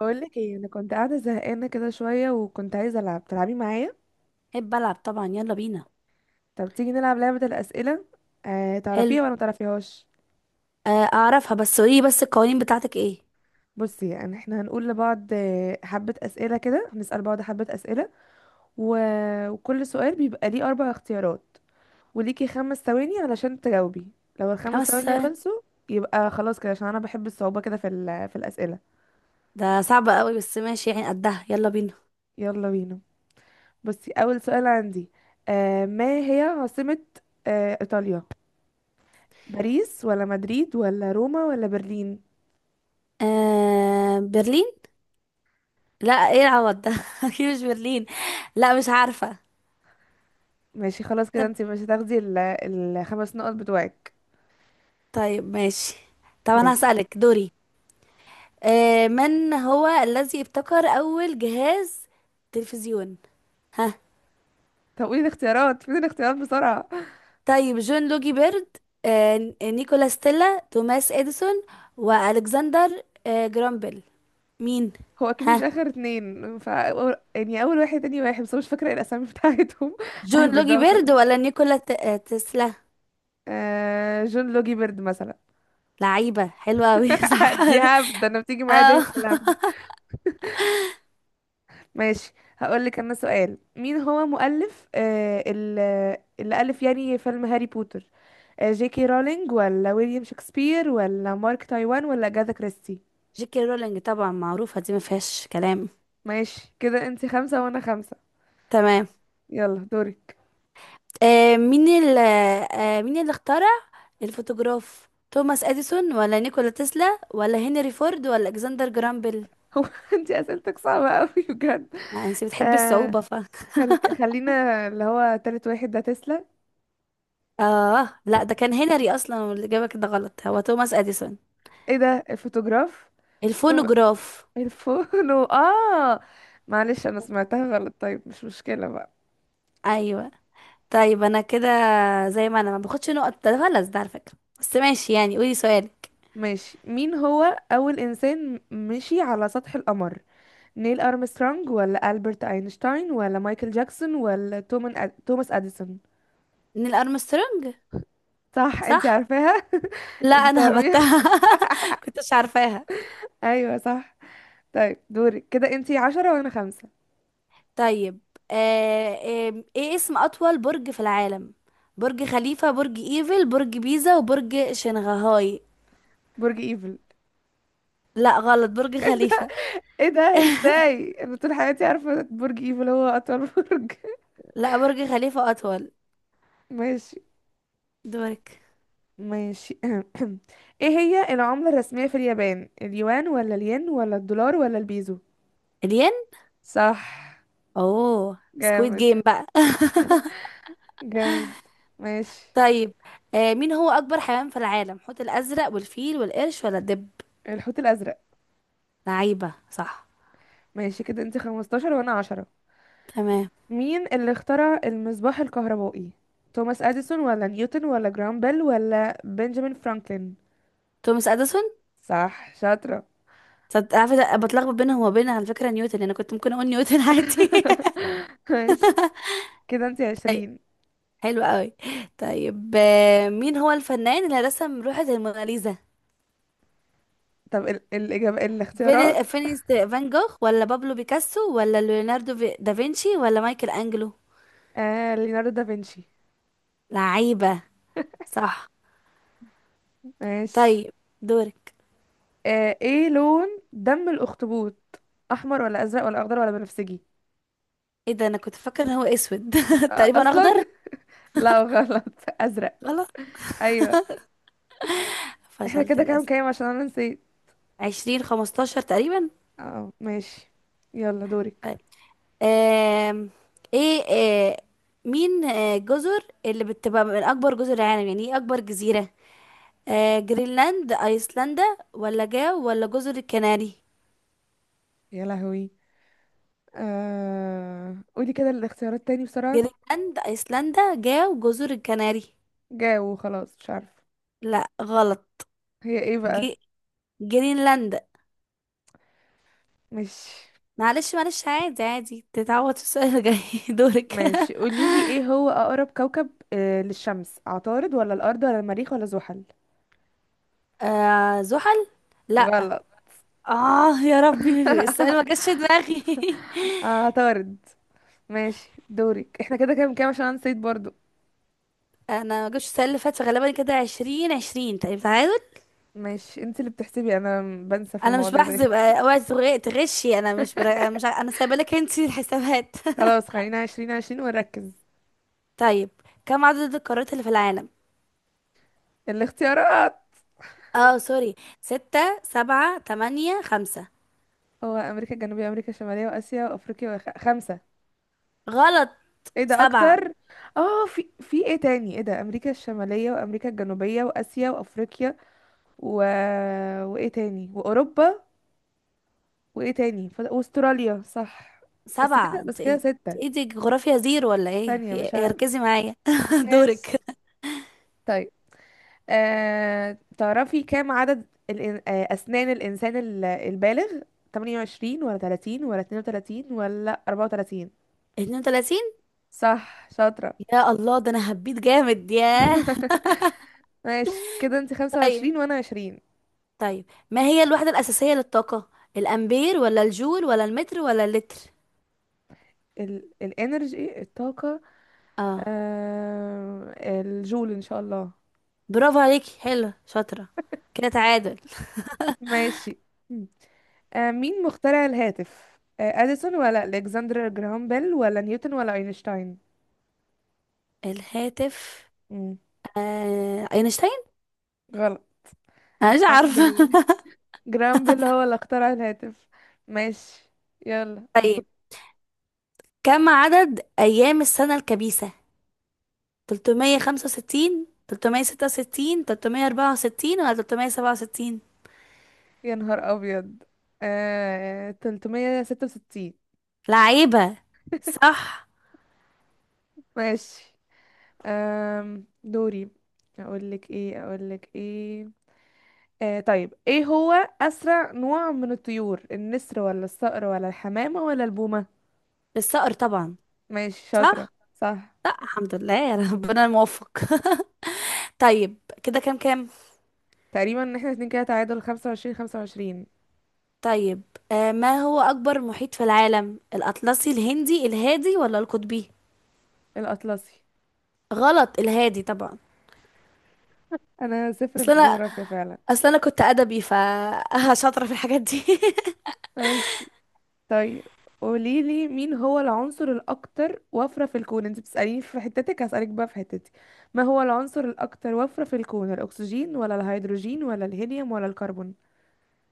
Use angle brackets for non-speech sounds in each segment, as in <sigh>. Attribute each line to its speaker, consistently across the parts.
Speaker 1: بقول لك ايه؟ انا كنت قاعده زهقانه كده شويه، وكنت عايزه العب. تلعبي معايا؟
Speaker 2: احب العب طبعا، يلا بينا.
Speaker 1: طب تيجي نلعب لعبه الاسئله. آه،
Speaker 2: حلو.
Speaker 1: تعرفيها ولا ما تعرفيهاش؟
Speaker 2: آه اعرفها، بس قولي بس، القوانين بتاعتك ايه؟
Speaker 1: بصي، يعني احنا هنقول لبعض حبه اسئله كده، هنسال بعض حبه اسئله و... وكل سؤال بيبقى ليه اربع اختيارات، وليكي خمس ثواني علشان تجاوبي. لو الخمس
Speaker 2: خمس
Speaker 1: ثواني
Speaker 2: ثواني؟
Speaker 1: خلصوا يبقى خلاص كده، عشان انا بحب الصعوبه كده في الاسئله.
Speaker 2: ده صعب قوي، بس ماشي يعني، قدها. يلا بينا.
Speaker 1: يلا بينا. بصي، اول سؤال عندي. ما هي عاصمه ايطاليا؟ باريس ولا مدريد ولا روما ولا برلين؟
Speaker 2: آه، برلين. لا، ايه العوض ده <laughs> اكيد مش برلين. لا مش عارفة.
Speaker 1: ماشي خلاص كده،
Speaker 2: طب
Speaker 1: انت مش هتاخدي الخمس نقط بتوعك.
Speaker 2: طيب، ماشي. طب انا
Speaker 1: ماشي.
Speaker 2: هسألك دوري. من هو الذي ابتكر اول جهاز تلفزيون؟ ها؟
Speaker 1: طب قولي الاختيارات، فين الاختيارات بسرعة.
Speaker 2: طيب، جون لوجي بيرد، نيكولا ستيلا، توماس اديسون، والكسندر جرامبل. مين؟
Speaker 1: هو اكيد مش
Speaker 2: ها؟
Speaker 1: اخر اتنين، يعني اول واحد تاني واحد، بس أنا مش فاكرة إيه الاسامي بتاعتهم <laughs>
Speaker 2: جون
Speaker 1: ههبد
Speaker 2: لوجي
Speaker 1: بقى وخلاص.
Speaker 2: بيرد ولا نيكولا تسلا؟
Speaker 1: جون لوجي بيرد مثلا.
Speaker 2: لعيبة حلوة أوي <laughs>
Speaker 1: <laughs>
Speaker 2: صح.
Speaker 1: دي هبد، ده انا بتيجي معايا دايما
Speaker 2: اه.
Speaker 1: في الهبد. ماشي، هقولك انا سؤال. مين هو مؤلف اللي ألف يعني فيلم هاري بوتر؟ جي كي رولينج ولا ويليام شكسبير ولا مارك تايوان ولا أجاثا كريستي؟
Speaker 2: جيكي رولينج طبعا، معروفة دي، ما فيهاش كلام.
Speaker 1: ماشي كده انتي خمسة وانا خمسة.
Speaker 2: تمام.
Speaker 1: يلا دورك.
Speaker 2: مين اللي اخترع الفوتوغراف؟ توماس اديسون ولا نيكولا تسلا ولا هنري فورد ولا الكسندر جرام بيل؟
Speaker 1: <laughs> هو انتي اسئلتك صعبة اوي بجد.
Speaker 2: انت بتحبي
Speaker 1: آه.
Speaker 2: الصعوبة ف <laughs>
Speaker 1: خلينا اللي هو تالت واحد ده تسلا.
Speaker 2: اه لا، ده كان هنري اصلا، والاجابة كده غلط، هو توماس اديسون.
Speaker 1: ايه ده، الفوتوغراف؟
Speaker 2: الفونوغراف.
Speaker 1: <laughs> اه. معلش انا سمعتها غلط، طيب مش مشكلة بقى.
Speaker 2: ايوه. طيب انا كده، زي ما انا ما باخدش نقط، ده غلط ده على فكرة. بس ماشي يعني، قولي سؤالك.
Speaker 1: ماشي. مين هو أول إنسان مشي على سطح القمر؟ نيل أرمسترونج ولا ألبرت أينشتاين ولا مايكل جاكسون ولا توماس أديسون؟
Speaker 2: نيل ارمسترونج.
Speaker 1: صح انتي
Speaker 2: صح.
Speaker 1: عارفاها <laughs>
Speaker 2: لا
Speaker 1: انتي
Speaker 2: انا
Speaker 1: تعرفيها.
Speaker 2: هبتها. <laughs> كنتش عارفاها.
Speaker 1: <laughs> ايوه صح. طيب دورك، كده انتي عشرة وانا خمسة.
Speaker 2: طيب. آه ايه اسم اطول برج في العالم؟ برج خليفة، برج ايفل، برج بيزا، وبرج شنغهاي؟
Speaker 1: برج ايفل.
Speaker 2: لا غلط، برج خليفة.
Speaker 1: <laughs> ايه ده،
Speaker 2: <laughs>
Speaker 1: ازاي انا طول حياتي عارفة برج ايفل هو اطول برج <laughs>
Speaker 2: لا برج خليفة اطول.
Speaker 1: ماشي.
Speaker 2: دورك.
Speaker 1: ماشي. <clears throat> ايه هي العملة الرسمية في اليابان؟ اليوان ولا الين ولا الدولار ولا البيزو؟
Speaker 2: الين.
Speaker 1: صح.
Speaker 2: اوه، سكويد
Speaker 1: جامد.
Speaker 2: جيم بقى <laughs>
Speaker 1: جامد. ماشي.
Speaker 2: طيب، مين هو أكبر حيوان في العالم؟ حوت الأزرق والفيل والقرش ولا الدب؟
Speaker 1: الحوت الأزرق.
Speaker 2: لعيبة، صح.
Speaker 1: ماشي كده انت 15 وانا 10.
Speaker 2: تمام.
Speaker 1: مين اللي اخترع المصباح الكهربائي؟ توماس اديسون ولا نيوتن ولا جرام بيل ولا بنجامين فرانكلين؟
Speaker 2: توماس أديسون.
Speaker 1: صح شاطرة.
Speaker 2: عارفة بتلخبط بينهم وبين، على فكرة نيوتن أنا كنت ممكن أقول نيوتن <laughs> عادي.
Speaker 1: <laughs> ماشي كده انت
Speaker 2: طيب.
Speaker 1: 20.
Speaker 2: حلو قوي. طيب مين هو الفنان اللي رسم لوحة الموناليزا؟
Speaker 1: طب الإجابة، الاختيارات.
Speaker 2: فين فينيس فان جوخ ولا بابلو بيكاسو ولا دافنشي ولا مايكل أنجلو؟
Speaker 1: ليوناردو دافنشي.
Speaker 2: لعيبة، صح.
Speaker 1: ماشي.
Speaker 2: طيب، دورك.
Speaker 1: ايه لون دم الأخطبوط؟ أحمر ولا أزرق ولا أخضر ولا بنفسجي؟
Speaker 2: ايه ده، انا كنت فاكره ان هو اسود <laughs>
Speaker 1: آه
Speaker 2: تقريبا اخضر.
Speaker 1: أصلا <laughs> لا غلط. أزرق.
Speaker 2: غلط.
Speaker 1: أيوه. احنا
Speaker 2: فشلت
Speaker 1: كده كام
Speaker 2: للأسف.
Speaker 1: كام؟ عشان انا نسيت.
Speaker 2: عشرين خمستاشر تقريبا.
Speaker 1: اه ماشي. يلا دورك.
Speaker 2: طيب. آم، ايه مين الجزر اللي بتبقى من أكبر جزر العالم؟ يعني ايه أكبر جزيرة؟ جرينلاند، أيسلندا، ولا جاو، ولا جزر الكناري؟
Speaker 1: يا لهوي. قولي كده الاختيارات تاني بسرعة.
Speaker 2: جرينلاند، أيسلندا، جاو، جزر الكناري.
Speaker 1: جاوب خلاص، مش عارفة.
Speaker 2: لا غلط.
Speaker 1: هي ايه بقى؟
Speaker 2: جي... جرينلاند.
Speaker 1: ماشي.
Speaker 2: معلش معلش، عادي عادي، تتعوض في السؤال الجاي. <laughs> دورك.
Speaker 1: ماشي قولي لي، ايه هو اقرب كوكب للشمس؟ عطارد ولا الارض ولا المريخ ولا زحل؟
Speaker 2: <laughs> آه، زحل. لا.
Speaker 1: غلط.
Speaker 2: اه يا ربي السؤال ما جاش في دماغي <laughs>
Speaker 1: عطارد. ماشي دورك. احنا كده كام كام؟ عشان انا نسيت برضو.
Speaker 2: انا ما جبتش السنه اللي فاتت غالبا، كده عشرين عشرين تقريبا، تعادل.
Speaker 1: ماشي، انت اللي بتحسبي، انا بنسى في
Speaker 2: انا مش
Speaker 1: المواضيع ده.
Speaker 2: بحسب، اوعي تغشي. انا مش برا...
Speaker 1: <laughs>
Speaker 2: مش ع- انا سايبه لك انت الحسابات. <laughs>
Speaker 1: خلاص خلينا عشرين عشرين ونركز.
Speaker 2: طيب. كم عدد القارات اللي في العالم؟
Speaker 1: الاختيارات.
Speaker 2: اه سوري. ستة، سبعة، تمانية، خمسة؟
Speaker 1: هو امريكا الجنوبية، امريكا الشمالية، واسيا، وافريقيا، خمسة.
Speaker 2: غلط.
Speaker 1: ايه ده،
Speaker 2: سبعة.
Speaker 1: اكتر؟ اه، في ايه تاني؟ ايه ده، امريكا الشماليه، وامريكا الجنوبيه، واسيا، وافريقيا و... وايه تاني، واوروبا، واستراليا، صح. بس
Speaker 2: سبعة،
Speaker 1: كده بس
Speaker 2: انت ايه؟
Speaker 1: كده،
Speaker 2: انت
Speaker 1: ستة.
Speaker 2: ايه، دي جغرافيا زيرو ولا ايه، في
Speaker 1: ثانيه مش
Speaker 2: إيه؟
Speaker 1: ه...
Speaker 2: ركزي معايا. <laughs>
Speaker 1: ماشي
Speaker 2: دورك.
Speaker 1: طيب. تعرفي كام عدد اسنان الانسان البالغ؟ 28 ولا 30 ولا 32 ولا 34؟
Speaker 2: اتنين وتلاتين.
Speaker 1: صح شاطره.
Speaker 2: يا الله، ده انا هبيت جامد، ياه.
Speaker 1: <laughs> ماشي كده انت
Speaker 2: طيب.
Speaker 1: 25 وانا 20.
Speaker 2: طيب، ما هي الوحدة الأساسية للطاقة؟ الأمبير ولا الجول ولا المتر ولا اللتر؟
Speaker 1: الانرجي، الطاقة.
Speaker 2: اه.
Speaker 1: آه الجول ان شاء الله.
Speaker 2: برافو عليكي، حلو شاطرة. كده تعادل.
Speaker 1: ماشي. مم. مين مخترع الهاتف؟ اديسون ولا الكسندر جراهام بيل ولا نيوتن ولا اينشتاين؟
Speaker 2: الهاتف.
Speaker 1: مم.
Speaker 2: اينشتاين.
Speaker 1: غلط.
Speaker 2: انا مش
Speaker 1: جراهام
Speaker 2: عارفة.
Speaker 1: بيل. <laughs> جراهام بيل هو اللي اخترع الهاتف. ماشي. يلا.
Speaker 2: <laughs> طيب، كم عدد أيام السنة الكبيسة؟ 365، 366، 364 ولا 367؟
Speaker 1: يا نهار ابيض. 366.
Speaker 2: لعيبة، صح.
Speaker 1: ماشي. دوري. اقول لك ايه. طيب، ايه هو اسرع نوع من الطيور؟ النسر ولا الصقر ولا الحمامة ولا البومة؟
Speaker 2: الصقر طبعا.
Speaker 1: ماشي شاطرة.
Speaker 2: صح.
Speaker 1: صح.
Speaker 2: لا الحمد لله، يا ربنا الموفق. <laughs> طيب كده كام كام.
Speaker 1: تقريبا ان احنا اتنين كده تعادل، خمسة وعشرين خمسة وعشرين.
Speaker 2: طيب ما هو أكبر محيط في العالم؟ الأطلسي، الهندي، الهادي، ولا القطبي؟
Speaker 1: الاطلسي.
Speaker 2: غلط، الهادي طبعا.
Speaker 1: انا صفر
Speaker 2: أصل
Speaker 1: في
Speaker 2: أنا،
Speaker 1: الجغرافيا فعلا.
Speaker 2: أصل أنا كنت أدبي ف <laughs> شاطرة في الحاجات دي. <laughs>
Speaker 1: ماشي. طيب قوليلي مين هو العنصر الاكتر وفرة في الكون، انت بتسأليني في حتتك هسألك بقى في حتتي. ما هو العنصر الاكتر وفرة في الكون؟ الاكسجين ولا الهيدروجين ولا الهيليوم ولا الكربون؟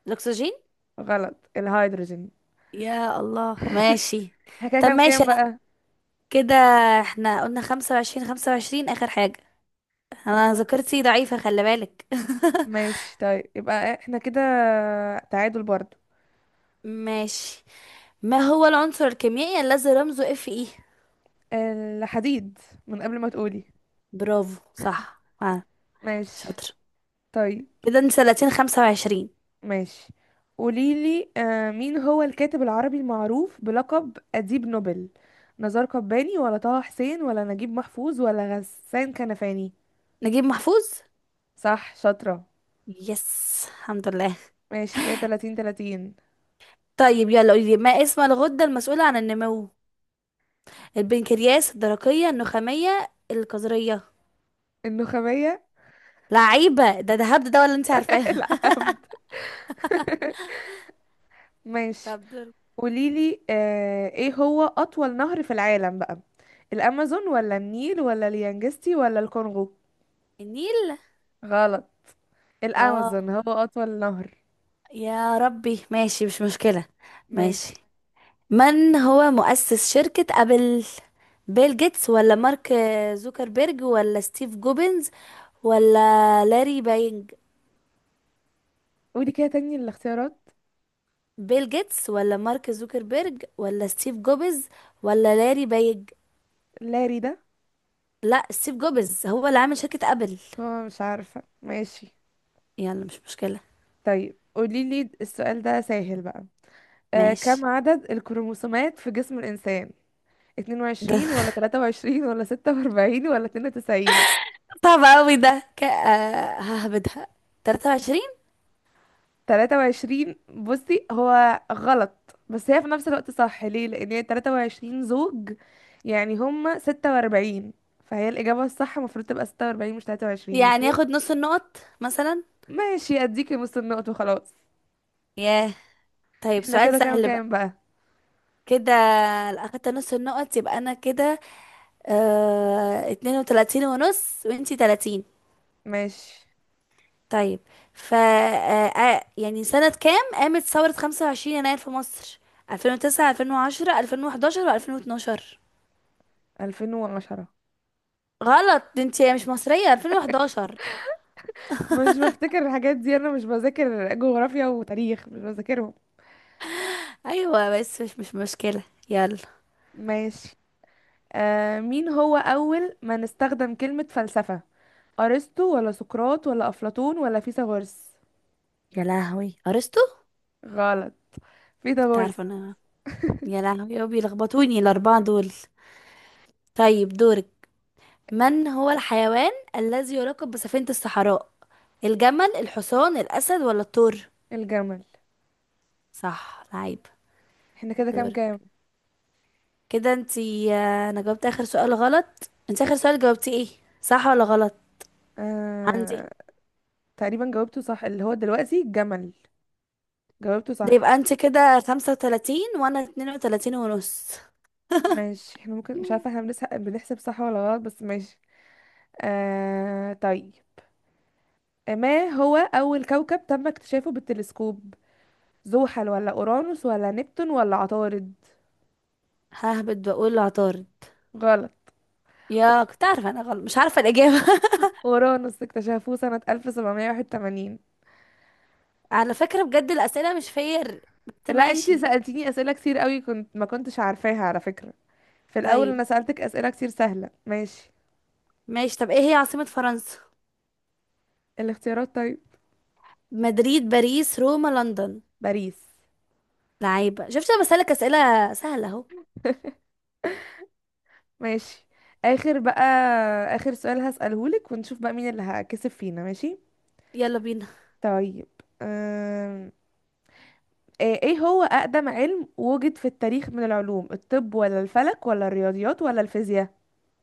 Speaker 2: الأكسجين.
Speaker 1: غلط، الهيدروجين.
Speaker 2: يا الله ماشي.
Speaker 1: احنا كده
Speaker 2: طب
Speaker 1: كام
Speaker 2: ماشي
Speaker 1: كام
Speaker 2: أنا
Speaker 1: بقى؟
Speaker 2: كده. احنا قلنا خمسة وعشرين خمسة وعشرين آخر حاجة. أنا ذاكرتي ضعيفة، خلي بالك.
Speaker 1: ماشي طيب، يبقى احنا كده تعادل برضو.
Speaker 2: <laughs> ماشي. ما هو العنصر الكيميائي الذي رمزه اف اي؟
Speaker 1: الحديد، من قبل ما تقولي.
Speaker 2: برافو صح، آه.
Speaker 1: ماشي.
Speaker 2: شاطر.
Speaker 1: طيب.
Speaker 2: كده انت 30، 25.
Speaker 1: ماشي قوليلي مين هو الكاتب العربي المعروف بلقب أديب نوبل؟ نزار قباني ولا طه حسين ولا نجيب محفوظ ولا غسان كنفاني؟
Speaker 2: نجيب محفوظ.
Speaker 1: صح شاطرة.
Speaker 2: يس الحمد لله.
Speaker 1: ماشي كده 30 30.
Speaker 2: طيب يلا قولي لي، ما اسم الغدة المسؤولة عن النمو؟ البنكرياس، الدرقية، النخامية، الكظرية؟
Speaker 1: النخامية.
Speaker 2: لعيبة. ده هبد ده ولا انت عارفاه؟
Speaker 1: <laughs> العبد. <laughs>
Speaker 2: <laughs>
Speaker 1: ماشي.
Speaker 2: طب دوري.
Speaker 1: قوليلي ايه هو أطول نهر في العالم بقى؟ الأمازون ولا النيل ولا اليانجستي ولا الكونغو؟
Speaker 2: النيل.
Speaker 1: غلط.
Speaker 2: اه
Speaker 1: الأمازون هو أطول نهر.
Speaker 2: يا ربي، ماشي مش مشكلة. ماشي.
Speaker 1: ماشي.
Speaker 2: من هو مؤسس شركة أبل؟ بيل جيتس ولا مارك زوكربيرج ولا ستيف جوبنز ولا لاري بايج؟
Speaker 1: قولي كده تاني الاختيارات.
Speaker 2: بيل جيتس ولا مارك زوكربيرج ولا ستيف جوبز ولا لاري بايج؟
Speaker 1: لاري ده.
Speaker 2: لا ستيف جوبز هو اللي عامل شركة ابل.
Speaker 1: هو، مش عارفة. ماشي.
Speaker 2: يلا مش مشكلة.
Speaker 1: طيب قوليلي، السؤال ده سهل بقى.
Speaker 2: ماشي.
Speaker 1: كم عدد الكروموسومات في جسم الإنسان؟
Speaker 2: ده
Speaker 1: 22 ولا 23 ولا 46 ولا 92؟
Speaker 2: <laughs> صعب قوي ده ك... آه، ههبدها. 23.
Speaker 1: تلاتة وعشرين. بصي، هو غلط بس هي في نفس الوقت صح، ليه؟ لان هي تلاتة وعشرين زوج، يعني هما ستة واربعين. فهي الإجابة الصح المفروض تبقى ستة واربعين، مش تلاتة وعشرين، بس
Speaker 2: يعني
Speaker 1: هي
Speaker 2: ياخد نص النقط مثلا.
Speaker 1: ماشي. أديكي نص النقط وخلاص.
Speaker 2: ياه، طيب
Speaker 1: احنا
Speaker 2: سؤال
Speaker 1: كده كام
Speaker 2: سهل بقى.
Speaker 1: كام بقى؟
Speaker 2: كده، لو اخدت نص النقط يبقى انا كده 32 ونص، وانتي 30.
Speaker 1: ماشي.
Speaker 2: طيب، ف يعني سنة كام قامت ثورة 25 يناير في مصر؟ 2009، 2010، 2011، و2012؟
Speaker 1: ألفين وعشرة.
Speaker 2: غلط، دي انت مش مصرية. 2011.
Speaker 1: مش بفتكر الحاجات دي، أنا مش بذاكر جغرافيا وتاريخ، مش بذاكرهم.
Speaker 2: ايوه بس مش مشكلة. يلا.
Speaker 1: ماشي. مين هو أول من استخدم كلمة فلسفة؟ أرسطو ولا سقراط ولا أفلاطون ولا فيثاغورس؟
Speaker 2: يا لهوي، ارسطو.
Speaker 1: غلط.
Speaker 2: كنت
Speaker 1: فيثاغورس.
Speaker 2: عارفة انا. يا لهوي، يا بيلخبطوني الاربعة دول. طيب دورك. من هو الحيوان الذي يراقب بسفينة الصحراء؟ الجمل، الحصان، الاسد، ولا الثور؟
Speaker 1: الجمل.
Speaker 2: صح، لعيب.
Speaker 1: احنا كده كام
Speaker 2: دورك.
Speaker 1: كام؟
Speaker 2: كده انت، انا جاوبت اخر سؤال غلط، انت اخر سؤال جاوبتي ايه؟ صح ولا غلط؟ عندي.
Speaker 1: آه... تقريبا جاوبته صح اللي هو دلوقتي، الجمل. جاوبته
Speaker 2: ده
Speaker 1: صح.
Speaker 2: يبقى انت كده 35 وانا 32 ونص.
Speaker 1: ماشي. احنا، ممكن مش عارفة احنا بنحسب صح ولا غلط، بس ماشي. طيب. ما هو أول كوكب تم اكتشافه بالتلسكوب؟ زحل ولا أورانوس ولا نبتون ولا عطارد؟
Speaker 2: ههبط، بقول عطارد.
Speaker 1: غلط.
Speaker 2: يا، كنت عارفة انا غلط، مش عارفة الإجابة. <laughs>
Speaker 1: أورانوس اكتشفوه سنة 1781.
Speaker 2: على فكرة بجد الأسئلة مش فير، بس
Speaker 1: لا، انتي
Speaker 2: ماشي.
Speaker 1: سألتيني أسئلة كتير قوي كنت ما كنتش عارفاها على فكرة. في الأول
Speaker 2: طيب
Speaker 1: أنا سألتك أسئلة كتير سهلة. ماشي.
Speaker 2: ماشي. طب ايه هي عاصمة فرنسا؟
Speaker 1: الاختيارات طيب.
Speaker 2: مدريد، باريس، روما، لندن؟
Speaker 1: باريس.
Speaker 2: لعيبة. شفت، انا بسألك أسئلة سهلة اهو.
Speaker 1: ماشي. اخر بقى. اخر سؤال هسألهولك ونشوف بقى مين اللي هكسب فينا. ماشي.
Speaker 2: يلا بينا.
Speaker 1: طيب. أم... إيه هو اقدم علم وجد في التاريخ من العلوم؟ الطب ولا الفلك ولا الرياضيات ولا الفيزياء؟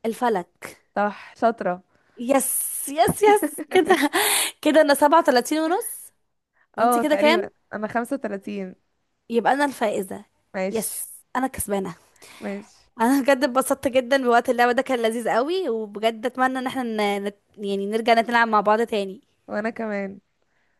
Speaker 2: الفلك.
Speaker 1: صح شاطرة.
Speaker 2: يس يس يس كده. <laughs> كده انا سبعة وتلاتين ونص.
Speaker 1: <laughs>
Speaker 2: وانت
Speaker 1: اه
Speaker 2: كده كام؟
Speaker 1: تقريبا انا 35.
Speaker 2: يبقى انا الفائزة.
Speaker 1: ماشي.
Speaker 2: يس. انا كسبانة.
Speaker 1: ماشي.
Speaker 2: انا بجد اتبسطت جدا بوقت اللعبة ده، كان لذيذ قوي، وبجد اتمنى ان احنا يعني نرجع نلعب مع بعض تاني.
Speaker 1: وانا كمان.